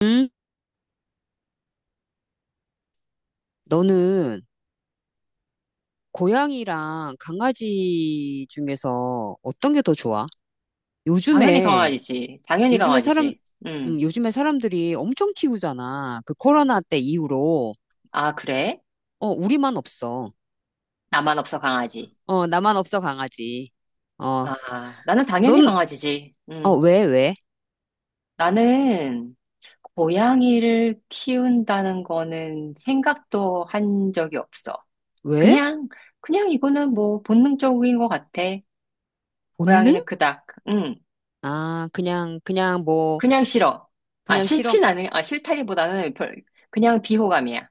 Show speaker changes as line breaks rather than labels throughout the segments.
응? 너는 고양이랑 강아지 중에서 어떤 게 더 좋아?
당연히
요즘에,
강아지지. 당연히
요즘에 사람,
강아지지. 음.
요즘에 사람들이 엄청 키우잖아. 그 코로나 때 이후로.
아, 그래?
어, 우리만 없어.
나만 없어 강아지.
어, 나만 없어, 강아지. 어,
아, 나는 당연히
넌,
강아지지.
어,
음.
왜?
나는 고양이를 키운다는 거는 생각도 한 적이 없어.
왜?
그냥, 그냥 이거는 뭐 본능적인 것 같아.
본능?
고양이는 그닥, 응,
아, 그냥 뭐,
그냥 싫어. 아,
그냥 싫어.
싫다기보다는 그냥 비호감이야.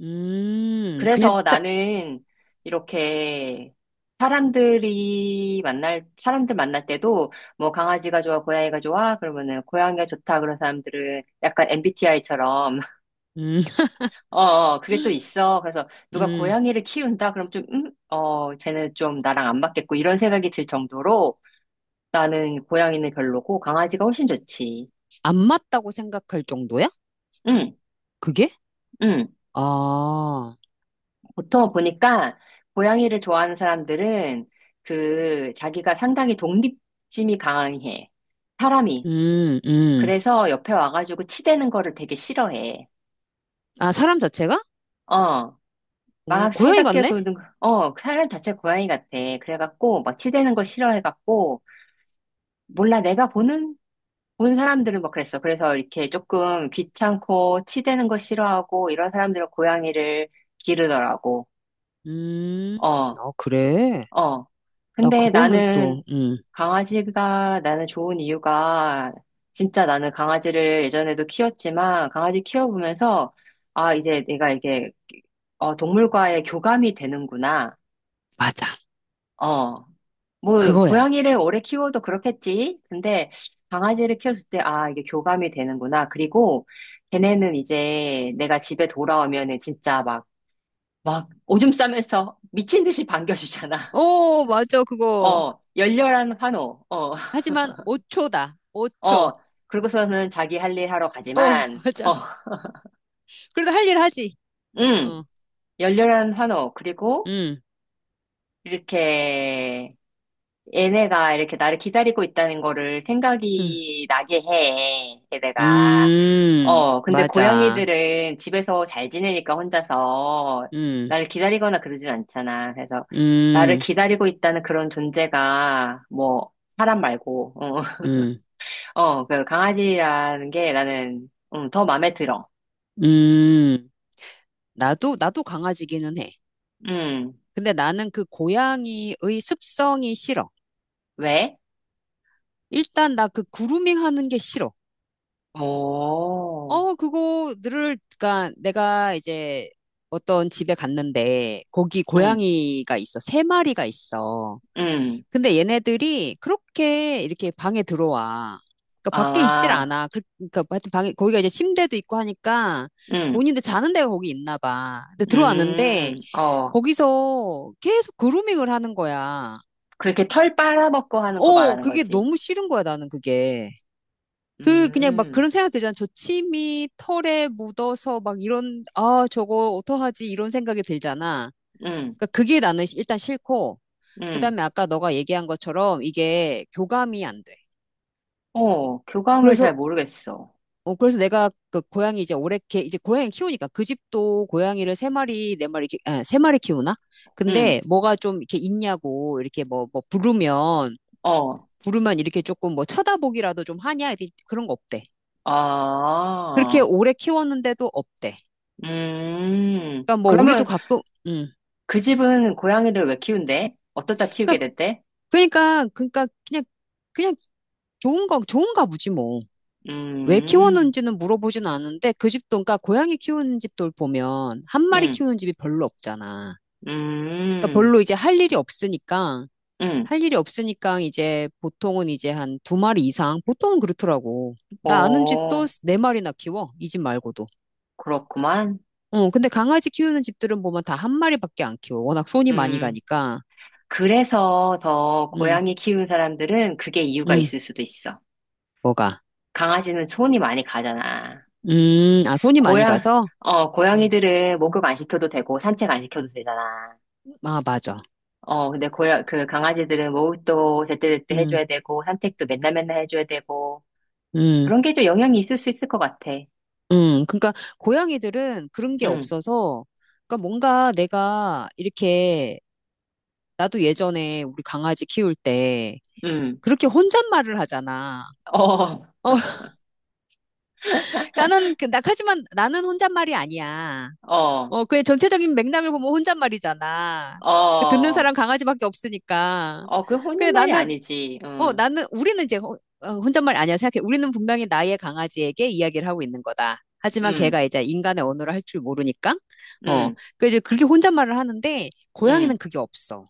그냥
그래서
딱,
나는 이렇게 사람들 만날 때도 뭐 강아지가 좋아, 고양이가 좋아? 그러면은 고양이가 좋다. 그런 사람들은 약간 MBTI처럼,
음,
어, 어, 그게 또 있어. 그래서 누가
음,
고양이를 키운다? 그럼 좀, 쟤는 좀 나랑 안 맞겠고 이런 생각이 들 정도로 나는 고양이는 별로고 강아지가 훨씬 좋지.
안 맞다고 생각할 정도야?
응,
그게?
응.
아,
보통 보니까 고양이를 좋아하는 사람들은 그 자기가 상당히 독립심이 강해. 사람이.
음, 음.
그래서 옆에 와가지고 치대는 거를 되게 싫어해.
아, 사람 자체가?
어.
오,
막
고양이
살갑게
같네?
구는, 사람 자체가 고양이 같아. 그래갖고 막 치대는 걸 싫어해갖고 몰라 내가 보는 본 사람들은 막 그랬어. 그래서 이렇게 조금 귀찮고 치대는 거 싫어하고 이런 사람들은 고양이를 기르더라고.
음,
어.
아, 그래.
어.
나
근데
그거는 또,
나는 강아지가 나는 좋은 이유가 진짜 나는 강아지를 예전에도 키웠지만 강아지 키워보면서 아, 이제 내가 이게 동물과의 교감이 되는구나.
맞아.
어. 뭐,
그거야.
고양이를 오래 키워도 그렇겠지. 근데 강아지를 키웠을 때, 아, 이게 교감이 되는구나. 그리고 걔네는 이제 내가 집에 돌아오면은 진짜 막, 오줌 싸면서 미친 듯이 반겨주잖아.
오, 맞아, 그거.
어, 열렬한 환호. 어.
하지만 5초다. 5초.
어,
어,
그리고서는 자기 할 일 하러 가지만,
맞아. 그래도 할 일 하지.
음,
어,
열렬한 환호. 그리고
음,
이렇게 얘네가 이렇게 나를 기다리고 있다는 거를
음,
생각이 나게 해. 얘네가. 어, 근데
맞아.
고양이들은 집에서 잘 지내니까 혼자서
음,
나를 기다리거나 그러진 않잖아. 그래서 나를
음,
기다리고 있다는 그런 존재가 뭐 사람 말고, 어,
음,
어, 그 강아지라는 게 나는 더 마음에 들어.
음. 나도, 나도 강아지기는 해.
음,
근데 나는 그 고양이의 습성이 싫어.
왜?
일단 나 그 그루밍 하는 게 싫어.
오,
어, 그거 늘, 그니까 내가 이제 어떤 집에 갔는데 거기
응,
고양이가 있어. 세 마리가 있어.
응,
근데 얘네들이 그렇게 이렇게 방에 들어와. 그니까 밖에 있질
아,
않아. 그러니까 하여튼 방에, 거기가 이제 침대도 있고 하니까
응,
본인들 자는 데가 거기 있나 봐. 근데 들어왔는데
어,
거기서 계속 그루밍을 하는 거야.
그렇게 털 빨아먹고 하는 거
어,
말하는
그게
거지.
너무 싫은 거야, 나는 그게. 그냥 막
음,
그런 생각 들잖아. 저 침이 털에 묻어서 막 이런 아 저거 어떡하지 이런 생각이 들잖아.
응,
그러니까 그게 나는 일단 싫고
응,
그다음에 아까 너가 얘기한 것처럼 이게 교감이 안 돼.
어, 교감을
그래서
잘 모르겠어.
어 그래서 내가 그 고양이 이제 오래 개 이제 고양이 키우니까 그 집도 고양이를 세 마리 네 마리 이렇게 아, 세 마리 키우나?
응,
근데 뭐가 좀 이렇게 있냐고 이렇게 뭐 부르면
어,
부르면 이렇게 조금 뭐 쳐다보기라도 좀 하냐 이렇게 그런 거 없대. 그렇게
아,
오래 키웠는데도 없대. 그러니까 뭐 우리도
그러면
가끔 음.
그 집은 고양이를 왜 키운대? 어떻다 키우게
그러니까
됐대?
그러니까 그냥 그냥 좋은 거 좋은가 보지 뭐. 왜
음,
키워놓는지는 물어보진 않은데 그 집도 그러니까 고양이 키우는 집들 보면 한 마리
응,
키우는 집이 별로 없잖아. 그러니까
음,
별로 이제 할 일이 없으니까
응,
할 일이 없으니까 이제 보통은 이제 한 두 마리 이상 보통은 그렇더라고. 나 아는 집도
어,
네 마리나 키워 이 집 말고도.
그렇구만.
어 근데 강아지 키우는 집들은 보면 다 한 마리밖에 안 키워. 워낙 손이 많이
음.
가니까.
그래서 더
음
고양이 키우는 사람들은 그게 이유가
음
있을 수도 있어.
뭐가.
강아지는 손이 많이 가잖아.
아, 손이 많이
고양,
가서? 음,
고양이들은 목욕 안 시켜도 되고 산책 안 시켜도 되잖아.
아, 맞아.
어, 근데 그 강아지들은 목욕도 제때제때
음,
해줘야 되고 산책도 맨날 맨날 해줘야 되고
음,
그런 게 좀 영향이 있을 수 있을 것 같아.
그러니까 고양이들은 그런 게
응,
없어서, 그러니까 뭔가 내가 이렇게, 나도 예전에 우리 강아지 키울 때,
응,
그렇게 혼잣말을 하잖아.
어,
어, 나는, 나, 하지만 나는 혼잣말이 아니야.
어,
어, 그의 전체적인 맥락을 보면 혼잣말이잖아. 그 듣는
어,
사람 강아지밖에 없으니까.
어, 그 혼는
근데
말이
나는,
아니지.
어,
응,
나는, 우리는 이제 어, 혼잣말 아니야 생각해. 우리는 분명히 나의 강아지에게 이야기를 하고 있는 거다. 하지만
응,
걔가 이제 인간의 언어를 할 줄 모르니까, 어,
응,
그 이제 그렇게 혼잣말을 하는데, 고양이는
응,
그게 없어.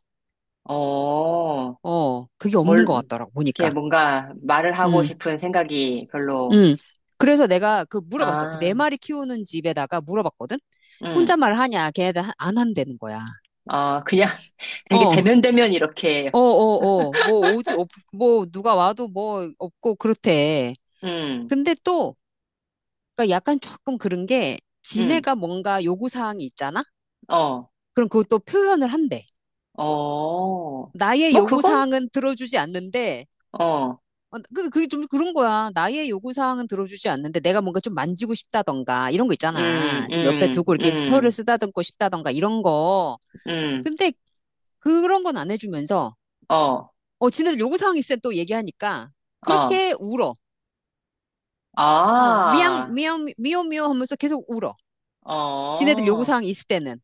어.
어, 그게 없는 것
뭘,
같더라고, 보니까.
이렇게 뭔가 말을 하고
음,
싶은 생각이 별로,
음. 그래서 내가 그 물어봤어. 그 네
아,
마리 키우는 집에다가 물어봤거든?
음,
혼잣말 하냐? 걔네들 안 한다는 거야.
어, 그냥 되게
어.
대면대면 이렇게,
어, 어, 어. 뭐 오지, 없, 뭐 누가 와도 뭐 없고 그렇대.
음,
근데 또, 그러니까 약간 조금 그런 게
음,
지네가 뭔가 요구사항이 있잖아?
어,
그럼 그것도 표현을 한대.
어,
나의
뭐 그건,
요구사항은 들어주지 않는데,
어,
어, 그게 좀 그런 거야. 나의 요구사항은 들어주지 않는데 내가 뭔가 좀 만지고 싶다던가 이런 거
음,
있잖아. 좀 옆에
음,
두고 이렇게
음,
털을 쓰다듬고 싶다던가 이런 거.
음,
근데 그런 건 안 해주면서,
어,
어, 지네들 요구사항 있으면 또 얘기하니까
어,
그렇게 울어. 어, 미양,
아,
미양, 미오, 미오 하면서 계속 울어. 지네들
어,
요구사항 있을 때는.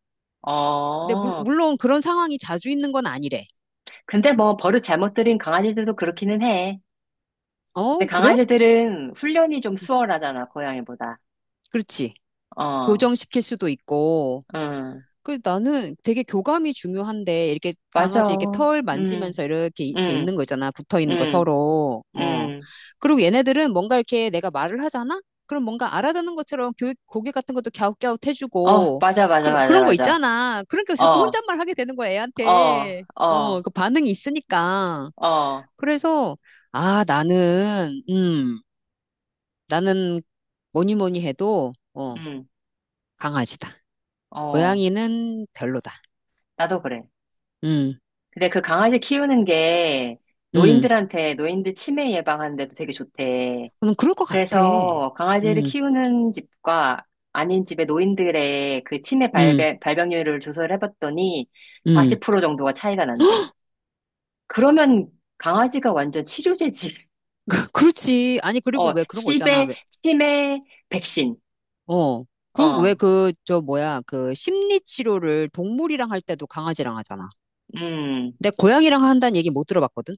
근데
어.
물론 그런 상황이 자주 있는 건 아니래.
근데 뭐 버릇 잘못 들인 강아지들도 그렇기는 해. 근데
어, 그래?
강아지들은 훈련이 좀 수월하잖아, 고양이보다.
그렇지.
어,
교정시킬 수도 있고,
응.
그 나는 되게 교감이 중요한데 이렇게
맞아.
강아지 이렇게 털
음,
만지면서 이렇게 이렇게
음,
있는 거 있잖아 붙어 있는 거
음,
서로 어
음.
그리고 얘네들은 뭔가 이렇게 내가 말을 하잖아 그럼 뭔가 알아듣는 것처럼 교육 고개 같은 것도 갸웃갸웃
어,
해주고
맞아, 맞아, 맞아,
그런 거
맞아.
있잖아 그러니까 자꾸
어,
혼잣말 하게 되는 거야
어,
애한테
어,
어그 반응이 있으니까
어,
그래서 아 나는 나는 뭐니 뭐니 해도 어
음,
강아지다
어.
고양이는 별로다
나도 그래.
음
근데 그 강아지 키우는 게
음.
노인들한테, 노인들 치매 예방하는데도 되게 좋대.
저는 그럴 것 같아.
그래서 강아지를
음,
키우는 집과 아닌 집의 노인들의 그 치매
음,
발병률을 조사를 해봤더니
음.
40% 정도가 차이가 난대. 그러면 강아지가 완전 치료제지.
그렇지. 아니, 그리고
어,
왜 그런 거 있잖아. 왜,
치매 백신.
어. 그런, 왜
어,
그, 저, 뭐야, 그, 심리 치료를 동물이랑 할 때도 강아지랑 하잖아.
음,
근데 고양이랑 한다는 얘기 못 들어봤거든?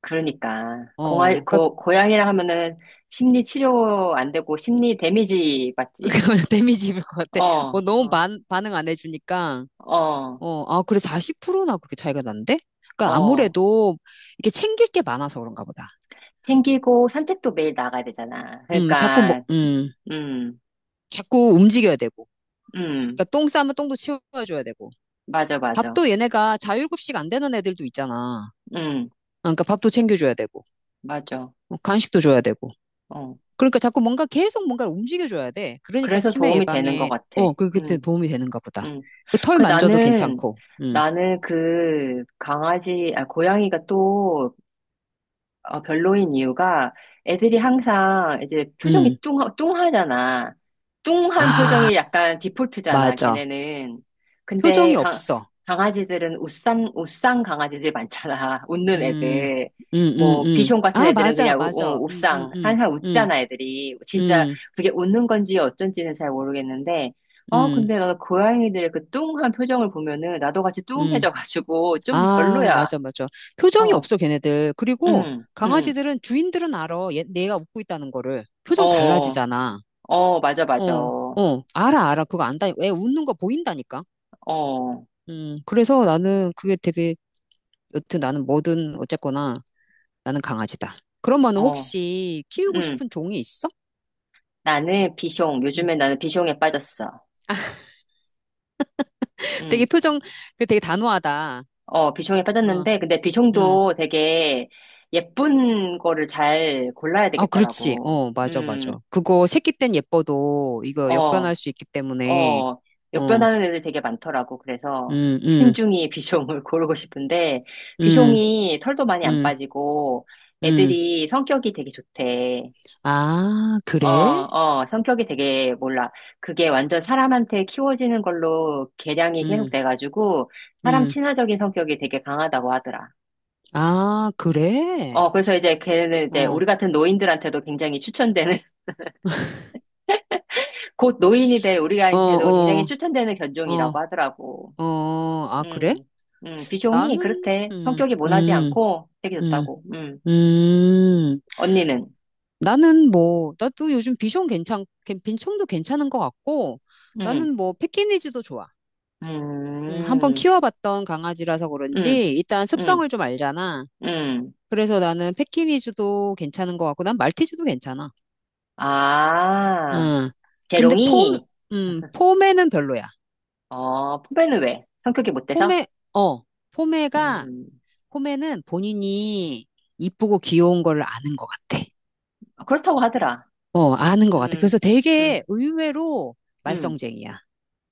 그러니까.
어. 그니까,
고양이라 하면은 심리 치료 안 되고 심리 데미지 받지.
데미지 입을 것 같아. 어,
어,
너무
어,
반응 안 해주니까.
어,
어, 아, 그래, 40%나 그렇게 차이가 난대? 그니까
어.
아무래도 이게 챙길 게 많아서 그런가 보다.
생기고 산책도 매일 나가야 되잖아.
자꾸 뭐,
그러니까, 음,
자꾸 움직여야 되고.
음,
그니까 똥 싸면 똥도 치워줘야 되고.
맞아, 맞아.
밥도 얘네가 자율급식 안 되는 애들도 있잖아.
음,
그러니까 밥도 챙겨줘야 되고,
맞아.
어, 간식도 줘야 되고.
어.
그러니까 자꾸 뭔가 계속 뭔가를 움직여줘야 돼. 그러니까
그래서
치매
도움이 되는 것
예방에,
같아.
어, 그렇게
음,
도움이 되는가 보다.
음.
그 털
그
만져도
나는,
괜찮고, 음,
나는 그 강아지, 아, 고양이가 또 별로인 이유가 애들이 항상 이제
음.
표정이 뚱하잖아. 뚱한
아,
표정이 약간 디폴트잖아,
맞아.
걔네는. 근데
표정이 없어.
강아지들은 웃상 강아지들이 많잖아. 웃는
음,
애들. 뭐, 비숑 같은
아,
애들은
맞아,
그냥
맞아.
웃상. 항상
음,
웃잖아, 애들이. 진짜
음,
그게 웃는 건지 어쩐지는 잘 모르겠는데. 아,
음,
근데 나 고양이들의 그 뚱한 표정을 보면은 나도 같이
음.
뚱해져가지고 좀
아,
별로야.
맞아, 맞아. 표정이
어,
없어, 걔네들. 그리고
응, 응.
강아지들은 주인들은 알아. 얘, 내가 웃고 있다는 거를. 표정
어,
달라지잖아.
어, 맞아, 맞아.
어,
어,
어. 알아, 알아. 그거 안다. 애 웃는 거 보인다니까. 그래서 나는 그게 되게, 여튼 나는 뭐든 어쨌거나 나는 강아지다. 그러면
어,
혹시 키우고
음.
싶은 종이 있어?
나는 비숑.
음.
요즘에 나는 비숑에 빠졌어.
되게
음.
표정, 그 되게 단호하다.
어, 비숑에
어,
빠졌는데, 근데
음.
비숑도 되게 예쁜 거를 잘 골라야
아, 그렇지.
되겠더라고.
어, 맞아,
음,
맞아. 그거 새끼 땐 예뻐도 이거 역변할
어,
수 있기 때문에,
어.
어,
역변하는 애들 되게 많더라고. 그래서
음, 음.
신중히 비숑을 고르고 싶은데,
음,
비숑이 털도 많이 안
음,
빠지고,
음.
애들이 성격이 되게 좋대.
아,
어,
그래?
어, 성격이 되게 몰라. 그게 완전 사람한테 키워지는 걸로 개량이 계속
음,
돼가지고 사람
음.
친화적인 성격이 되게 강하다고 하더라.
아, 그래?
어, 그래서 이제 걔는 이제
어,
우리 같은 노인들한테도 굉장히 추천되는, 곧 노인이 될
어,
우리한테도
어,
굉장히 추천되는
어,
견종이라고 하더라고.
어. 아, 그래?
음, 비숑이
나는,
그렇대. 성격이 모나지 않고 되게
음,
좋다고.
음.
언니는?
나는 뭐, 나도 요즘 비숑 빈총도 괜찮은 것 같고,
음,
나는 뭐, 패키니즈도 좋아. 한번
음,
키워봤던 강아지라서
음,
그런지, 일단 습성을
음,
좀 알잖아.
음.
그래서 나는 패키니즈도 괜찮은 것 같고, 난 말티즈도 괜찮아.
아,
응. 근데 폼,
재롱이?
폼에는 별로야.
어, 포배는 왜? 성격이 못 돼서?
폼에, 어, 폼에가,
음,
폼에는 본인이 이쁘고 귀여운 걸 아는 것 같아.
그렇다고 하더라.
어, 아는 것 같아.
음,
그래서 되게
음,
의외로
음.
말썽쟁이야.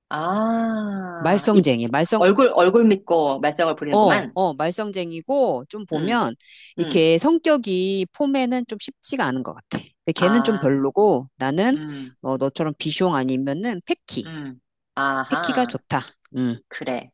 아,
말썽쟁이, 말썽,
얼굴 믿고 말썽을
어,
부리는구만.
어, 말썽쟁이고, 좀
음,
보면,
음.
이렇게 성격이 폼에는 좀 쉽지가 않은 것 같아. 근데 걔는 좀
아,
별로고, 나는,
음,
어, 너처럼 비숑 아니면은 패키,
음.
패키가
아하,
좋다. 음.
그래.